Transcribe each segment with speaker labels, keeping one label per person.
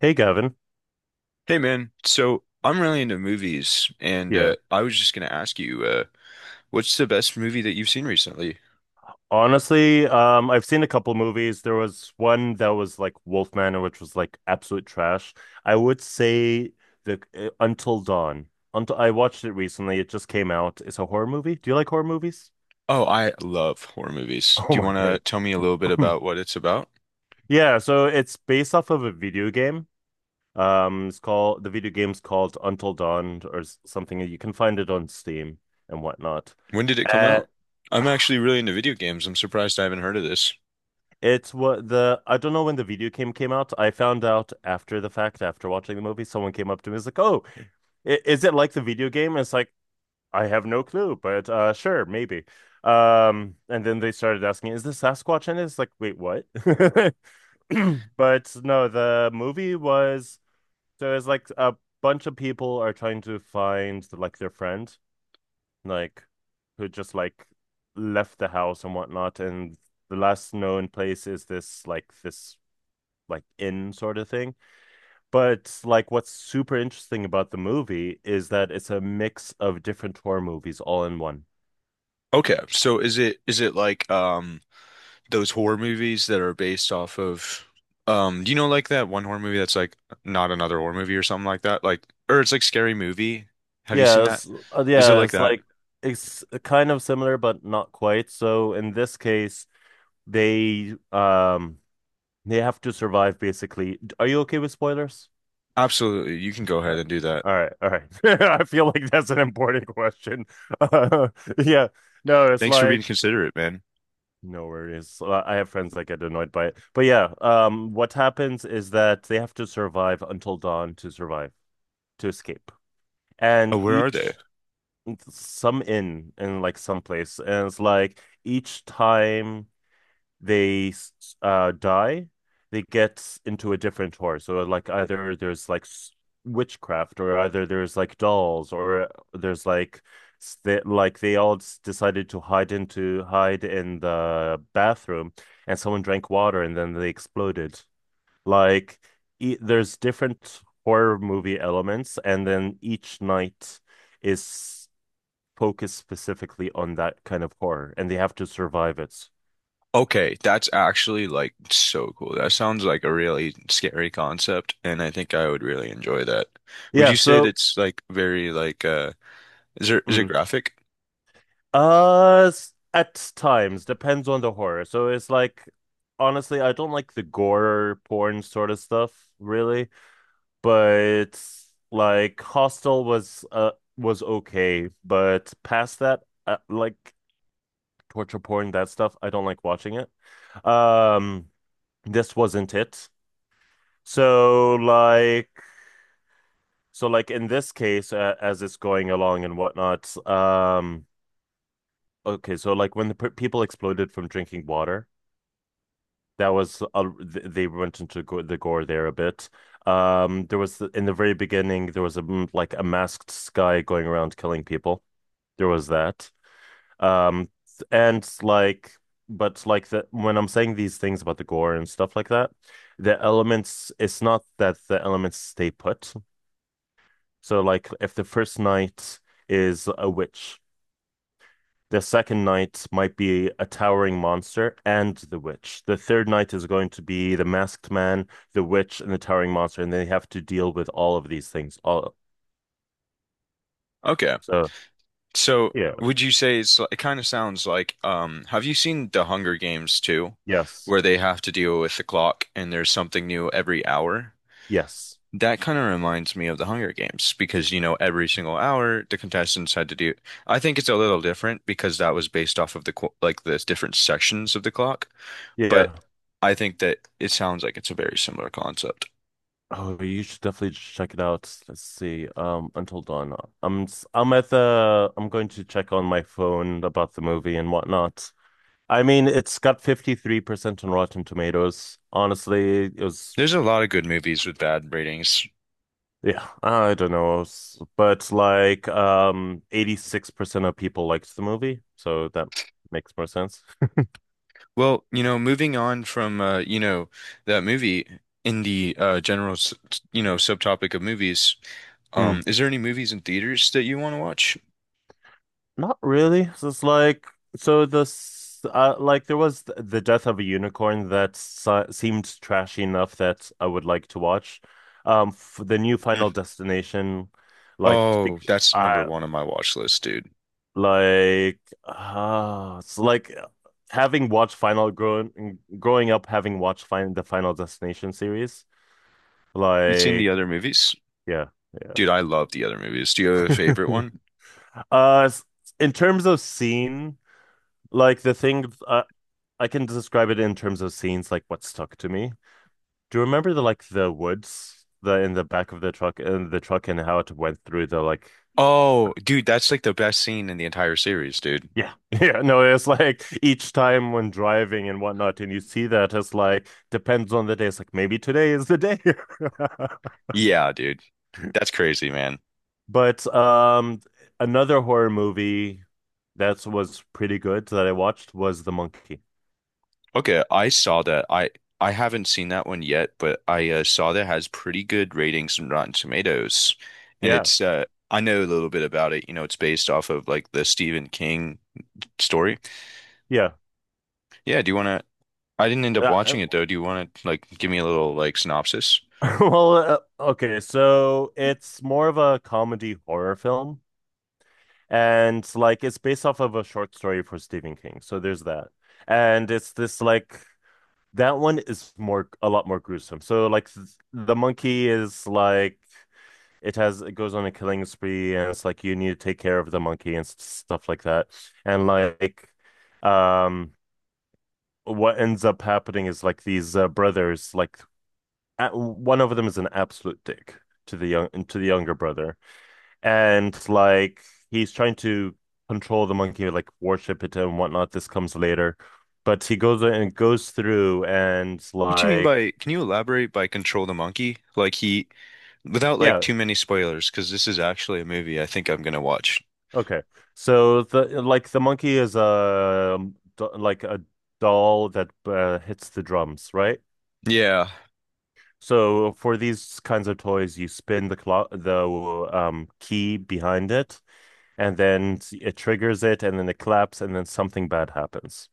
Speaker 1: Hey, Gavin.
Speaker 2: Hey man, so I'm really into movies, and
Speaker 1: Yeah.
Speaker 2: I was just gonna ask you, what's the best movie that you've seen recently?
Speaker 1: Honestly, I've seen a couple movies. There was one that was like Wolfman, which was like absolute trash. I would say the Until Dawn. Until I watched it recently. It just came out. It's a horror movie. Do you like horror movies?
Speaker 2: Oh, I love horror movies.
Speaker 1: Oh
Speaker 2: Do you
Speaker 1: my
Speaker 2: wanna
Speaker 1: God.
Speaker 2: tell me a little bit about what it's about?
Speaker 1: Yeah, so it's based off of a video game. It's called the video game's called Until Dawn or something. You can find it on Steam and whatnot.
Speaker 2: When did it come
Speaker 1: Uh,
Speaker 2: out? I'm actually really into video games. I'm surprised I haven't heard of this.
Speaker 1: It's what the I don't know when the video game came out. I found out after the fact, after watching the movie, someone came up to me and was like, "Oh, is it like the video game?" And it's like, I have no clue, but sure, maybe. And then they started asking, "Is the Sasquatch in it?" It's like, "Wait, what?" But no, the movie was so it's like a bunch of people are trying to find like their friend, like who just like left the house and whatnot, and the last known place is this like in sort of thing. But like what's super interesting about the movie is that it's a mix of different horror movies all in one.
Speaker 2: Okay, so is it like those horror movies that are based off of do you know like that one horror movie that's like not another horror movie or something like that? Like or it's like Scary Movie. Have you seen
Speaker 1: Yeah,
Speaker 2: that?
Speaker 1: it's, uh,
Speaker 2: Is it
Speaker 1: yeah,
Speaker 2: like
Speaker 1: it's
Speaker 2: that?
Speaker 1: like it's kind of similar but not quite. So in this case, they um they have to survive basically. Are you okay with spoilers?
Speaker 2: Absolutely. You can go
Speaker 1: Uh,
Speaker 2: ahead and do that.
Speaker 1: All right, all right. I feel like that's an important question. Uh, yeah. No, it's
Speaker 2: Thanks for being
Speaker 1: like
Speaker 2: considerate, man.
Speaker 1: no worries. So I have friends that get annoyed by it. But yeah, what happens is that they have to survive until dawn to survive, to escape. And
Speaker 2: Oh, where are they?
Speaker 1: each some inn in like some place, and it's like each time they die, they get into a different horror. So like either there's like witchcraft, or either there's like dolls, or there's like s- they, like they all s- decided to hide into hide in the bathroom, and someone drank water, and then they exploded. Like e there's different horror movie elements, and then each night is focused specifically on that kind of horror, and they have to survive it.
Speaker 2: Okay, that's actually like so cool. That sounds like a really scary concept, and I think I would really enjoy that. Would
Speaker 1: Yeah,
Speaker 2: you say
Speaker 1: so.
Speaker 2: that's like very like is it
Speaker 1: Mm.
Speaker 2: graphic?
Speaker 1: At times, depends on the horror. So it's like, honestly, I don't like the gore porn sort of stuff, really. But like, Hostel was okay, but past that, like torture porn, that stuff, I don't like watching it. Um, this wasn't it. So like, so like in this case, as it's going along and whatnot, okay, so like when the p people exploded from drinking water. That was they went into go the gore there a bit. There was in the very beginning there was a like a masked guy going around killing people. There was that. Um, and like, but like the when I'm saying these things about the gore and stuff like that, the elements it's not that the elements stay put. So like if the first night is a witch. The second knight might be a towering monster and the witch. The third knight is going to be the masked man, the witch, and the towering monster, and they have to deal with all of these things. All
Speaker 2: Okay.
Speaker 1: so
Speaker 2: So,
Speaker 1: yeah,
Speaker 2: would you say it's like, it kind of sounds like have you seen The Hunger Games too,
Speaker 1: yes,
Speaker 2: where they have to deal with the clock and there's something new every hour?
Speaker 1: yes,
Speaker 2: That kind of reminds me of the Hunger Games because, you know, every single hour the contestants had to do. I think it's a little different because that was based off of the like the different sections of the clock, but
Speaker 1: yeah.
Speaker 2: I think that it sounds like it's a very similar concept.
Speaker 1: Oh, you should definitely check it out. Let's see. Until Dawn. I'm i I'm at the. I'm going to check on my phone about the movie and whatnot. I mean, it's got 53% on Rotten Tomatoes. Honestly, it was
Speaker 2: There's a lot of good movies with bad ratings.
Speaker 1: yeah, I don't know. But like 86% of people liked the movie, so that makes more sense.
Speaker 2: Well, you know, moving on from you know, that movie in the general, you know, subtopic of movies,
Speaker 1: Hmm.
Speaker 2: is there any movies in theaters that you want to watch?
Speaker 1: Not really. So it's like so this like there was the death of a unicorn that si seemed trashy enough that I would like to watch. F The new
Speaker 2: Mm.
Speaker 1: Final Destination like
Speaker 2: Oh, that's number
Speaker 1: I
Speaker 2: one on my watch list, dude.
Speaker 1: like ah it's like having watched Final growing growing up having watched fin the Final Destination series.
Speaker 2: You've seen the
Speaker 1: Like,
Speaker 2: other movies?
Speaker 1: yeah, yeah.
Speaker 2: Dude, I love the other movies. Do you have a favorite one?
Speaker 1: Uh, s- in terms of scene, like the thing, I can describe it in terms of scenes, like what stuck to me. Do you remember the like the woods, the in the back of the truck, in the truck, and how it went through the like,
Speaker 2: Oh, dude, that's like the best scene in the entire series, dude.
Speaker 1: yeah, yeah. No, it's like each time when driving and whatnot, and you see that it's like depends on the day. It's like maybe today is the day.
Speaker 2: Yeah, dude. That's crazy, man.
Speaker 1: But another horror movie that was pretty good that I watched was The Monkey.
Speaker 2: Okay, I saw that. I haven't seen that one yet, but I saw that has pretty good ratings on Rotten Tomatoes. And
Speaker 1: Yeah,
Speaker 2: it's I know a little bit about it. You know, it's based off of like the Stephen King story.
Speaker 1: yeah.
Speaker 2: Yeah, do you want to I didn't end up
Speaker 1: Uh,
Speaker 2: watching it though. Do you want to like give me a little like synopsis?
Speaker 1: well, okay, so it's more of a comedy horror film, and like it's based off of a short story for Stephen King. So there's that, and it's this like that one is more a lot more gruesome. So like the monkey is like it has it goes on a killing spree, and it's like you need to take care of the monkey and stuff like that, and like um. What ends up happening is like these brothers, like one of them is an absolute dick to the younger brother, and like he's trying to control the monkey, like worship it and whatnot. This comes later, but he goes and goes through and
Speaker 2: What do you mean
Speaker 1: like
Speaker 2: by, can you elaborate by control the monkey? Like he, without like
Speaker 1: yeah,
Speaker 2: too many spoilers, because this is actually a movie I think I'm gonna watch.
Speaker 1: okay. So the like the monkey is a like a doll that hits the drums, right?
Speaker 2: Yeah.
Speaker 1: So for these kinds of toys, you spin the clock, the key behind it and then it triggers it, and then it claps, and then something bad happens.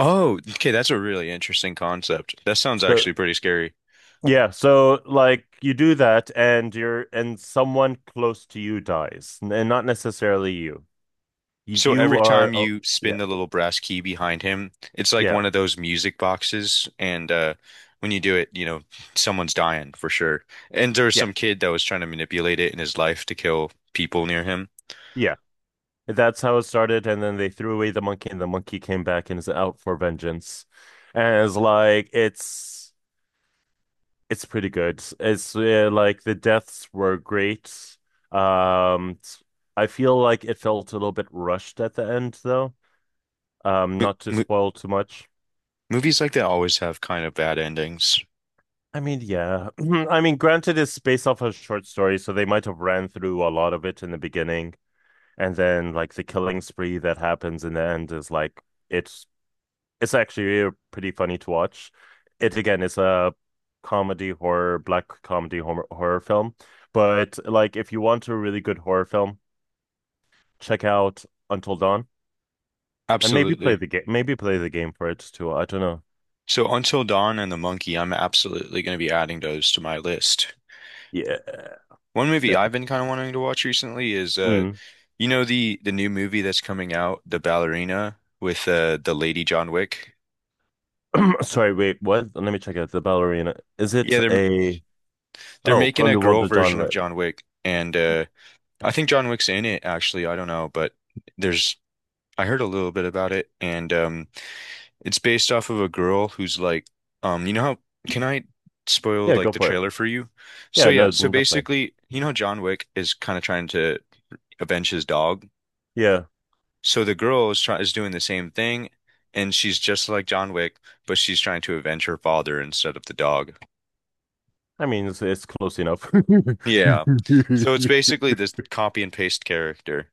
Speaker 2: Oh, okay, that's a really interesting concept. That sounds
Speaker 1: So
Speaker 2: actually pretty scary.
Speaker 1: yeah, so like you do that, and you're and someone close to you dies, and not necessarily you.
Speaker 2: So
Speaker 1: You
Speaker 2: every
Speaker 1: are
Speaker 2: time
Speaker 1: oh
Speaker 2: you
Speaker 1: yeah,
Speaker 2: spin the little brass key behind him, it's like
Speaker 1: yeah,
Speaker 2: one of those music boxes, and when you do it, you know, someone's dying for sure. And there was
Speaker 1: yeah,
Speaker 2: some kid that was trying to manipulate it in his life to kill people near him.
Speaker 1: yeah. That's how it started, and then they threw away the monkey, and the monkey came back and is out for vengeance, and it's like it's. It's pretty good. It's like the deaths were great. Um, I feel like it felt a little bit rushed at the end, though.
Speaker 2: Mo
Speaker 1: Not to
Speaker 2: mo
Speaker 1: spoil too much.
Speaker 2: Movies like that always have kind of bad endings.
Speaker 1: I mean, yeah. I mean, granted, it's based off a short story, so they might have ran through a lot of it in the beginning, and then like the killing spree that happens in the end is like it's It's actually pretty funny to watch. It again is a comedy horror, black comedy horror, horror film. But like, if you want a really good horror film, check out Until Dawn and maybe play
Speaker 2: Absolutely.
Speaker 1: the game. Maybe play the game for it too. I don't know.
Speaker 2: So Until Dawn and The Monkey, I'm absolutely going to be adding those to my list.
Speaker 1: Yeah,
Speaker 2: One movie I've
Speaker 1: definitely.
Speaker 2: been kind of wanting to watch recently is
Speaker 1: Mm.
Speaker 2: you know, the new movie that's coming out, The Ballerina with the lady John Wick.
Speaker 1: Sorry, wait, what? Let me check it. The ballerina. Is
Speaker 2: Yeah,
Speaker 1: it
Speaker 2: they're
Speaker 1: a
Speaker 2: they're
Speaker 1: oh
Speaker 2: making
Speaker 1: from
Speaker 2: a
Speaker 1: the world
Speaker 2: girl
Speaker 1: of John
Speaker 2: version of
Speaker 1: Wick?
Speaker 2: John Wick, and I think John Wick's in it actually, I don't know, but there's I heard a little bit about it, and it's based off of a girl who's like, you know how, can I spoil
Speaker 1: Yeah,
Speaker 2: like
Speaker 1: go
Speaker 2: the
Speaker 1: for it.
Speaker 2: trailer for you? So
Speaker 1: Yeah,
Speaker 2: yeah,
Speaker 1: no,
Speaker 2: so
Speaker 1: definitely.
Speaker 2: basically, you know, how John Wick is kind of trying to avenge his dog.
Speaker 1: Yeah,
Speaker 2: So the girl is doing the same thing, and she's just like John Wick, but she's trying to avenge her father instead of the dog.
Speaker 1: I mean it's close enough.
Speaker 2: Yeah. So it's basically this copy and paste character.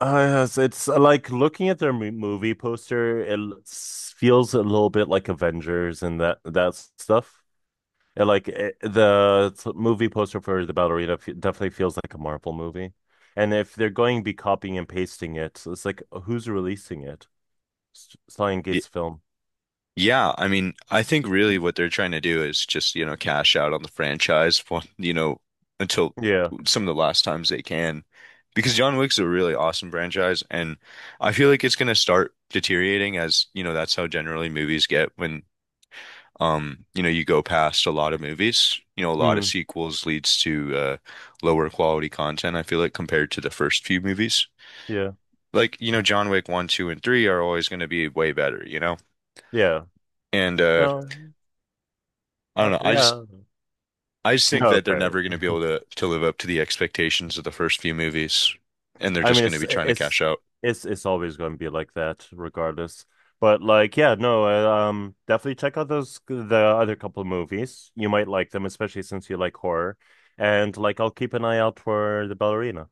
Speaker 1: Yes, it's like looking at their movie poster, it feels a little bit like Avengers and that stuff. And like it, the movie poster for the ballerina f definitely feels like a Marvel movie. And if they're going to be copying and pasting it, so it's like who's releasing it? Stan Gates film.
Speaker 2: Yeah, I mean, I think really what they're trying to do is just, you know, cash out on the franchise for, you know, until
Speaker 1: Yeah.
Speaker 2: some of the last times they can. Because John Wick's a really awesome franchise, and I feel like it's going to start deteriorating as, you know, that's how generally movies get when, you know, you go past a lot of movies. You know, a lot of
Speaker 1: Mm,
Speaker 2: sequels leads to lower quality content, I feel like, compared to the first few movies.
Speaker 1: yeah.
Speaker 2: Like, you know, John Wick 1, 2, and 3 are always going to be way better, you know?
Speaker 1: Yeah.
Speaker 2: And
Speaker 1: No.
Speaker 2: I don't know.
Speaker 1: Yeah.
Speaker 2: I just think
Speaker 1: No,
Speaker 2: that they're
Speaker 1: sorry.
Speaker 2: never going to be able to live up to the expectations of the first few movies, and they're
Speaker 1: I
Speaker 2: just
Speaker 1: mean,
Speaker 2: going to
Speaker 1: it's
Speaker 2: be trying to cash
Speaker 1: it's
Speaker 2: out.
Speaker 1: it's it's always going to be like that, regardless. But like, yeah, no, definitely check out those the other couple of movies. You might like them, especially since you like horror. And like, I'll keep an eye out for the ballerina.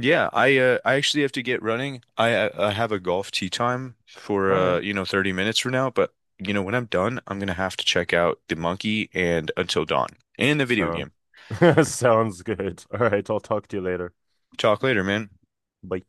Speaker 2: Yeah, I actually have to get running. I have a golf tee time for
Speaker 1: All right,
Speaker 2: you know 30 minutes from now, but you know when I'm done, I'm gonna have to check out The Monkey and Until Dawn and the video
Speaker 1: sound
Speaker 2: game.
Speaker 1: sounds good. All right, I'll talk to you later.
Speaker 2: Talk later, man.
Speaker 1: Bye.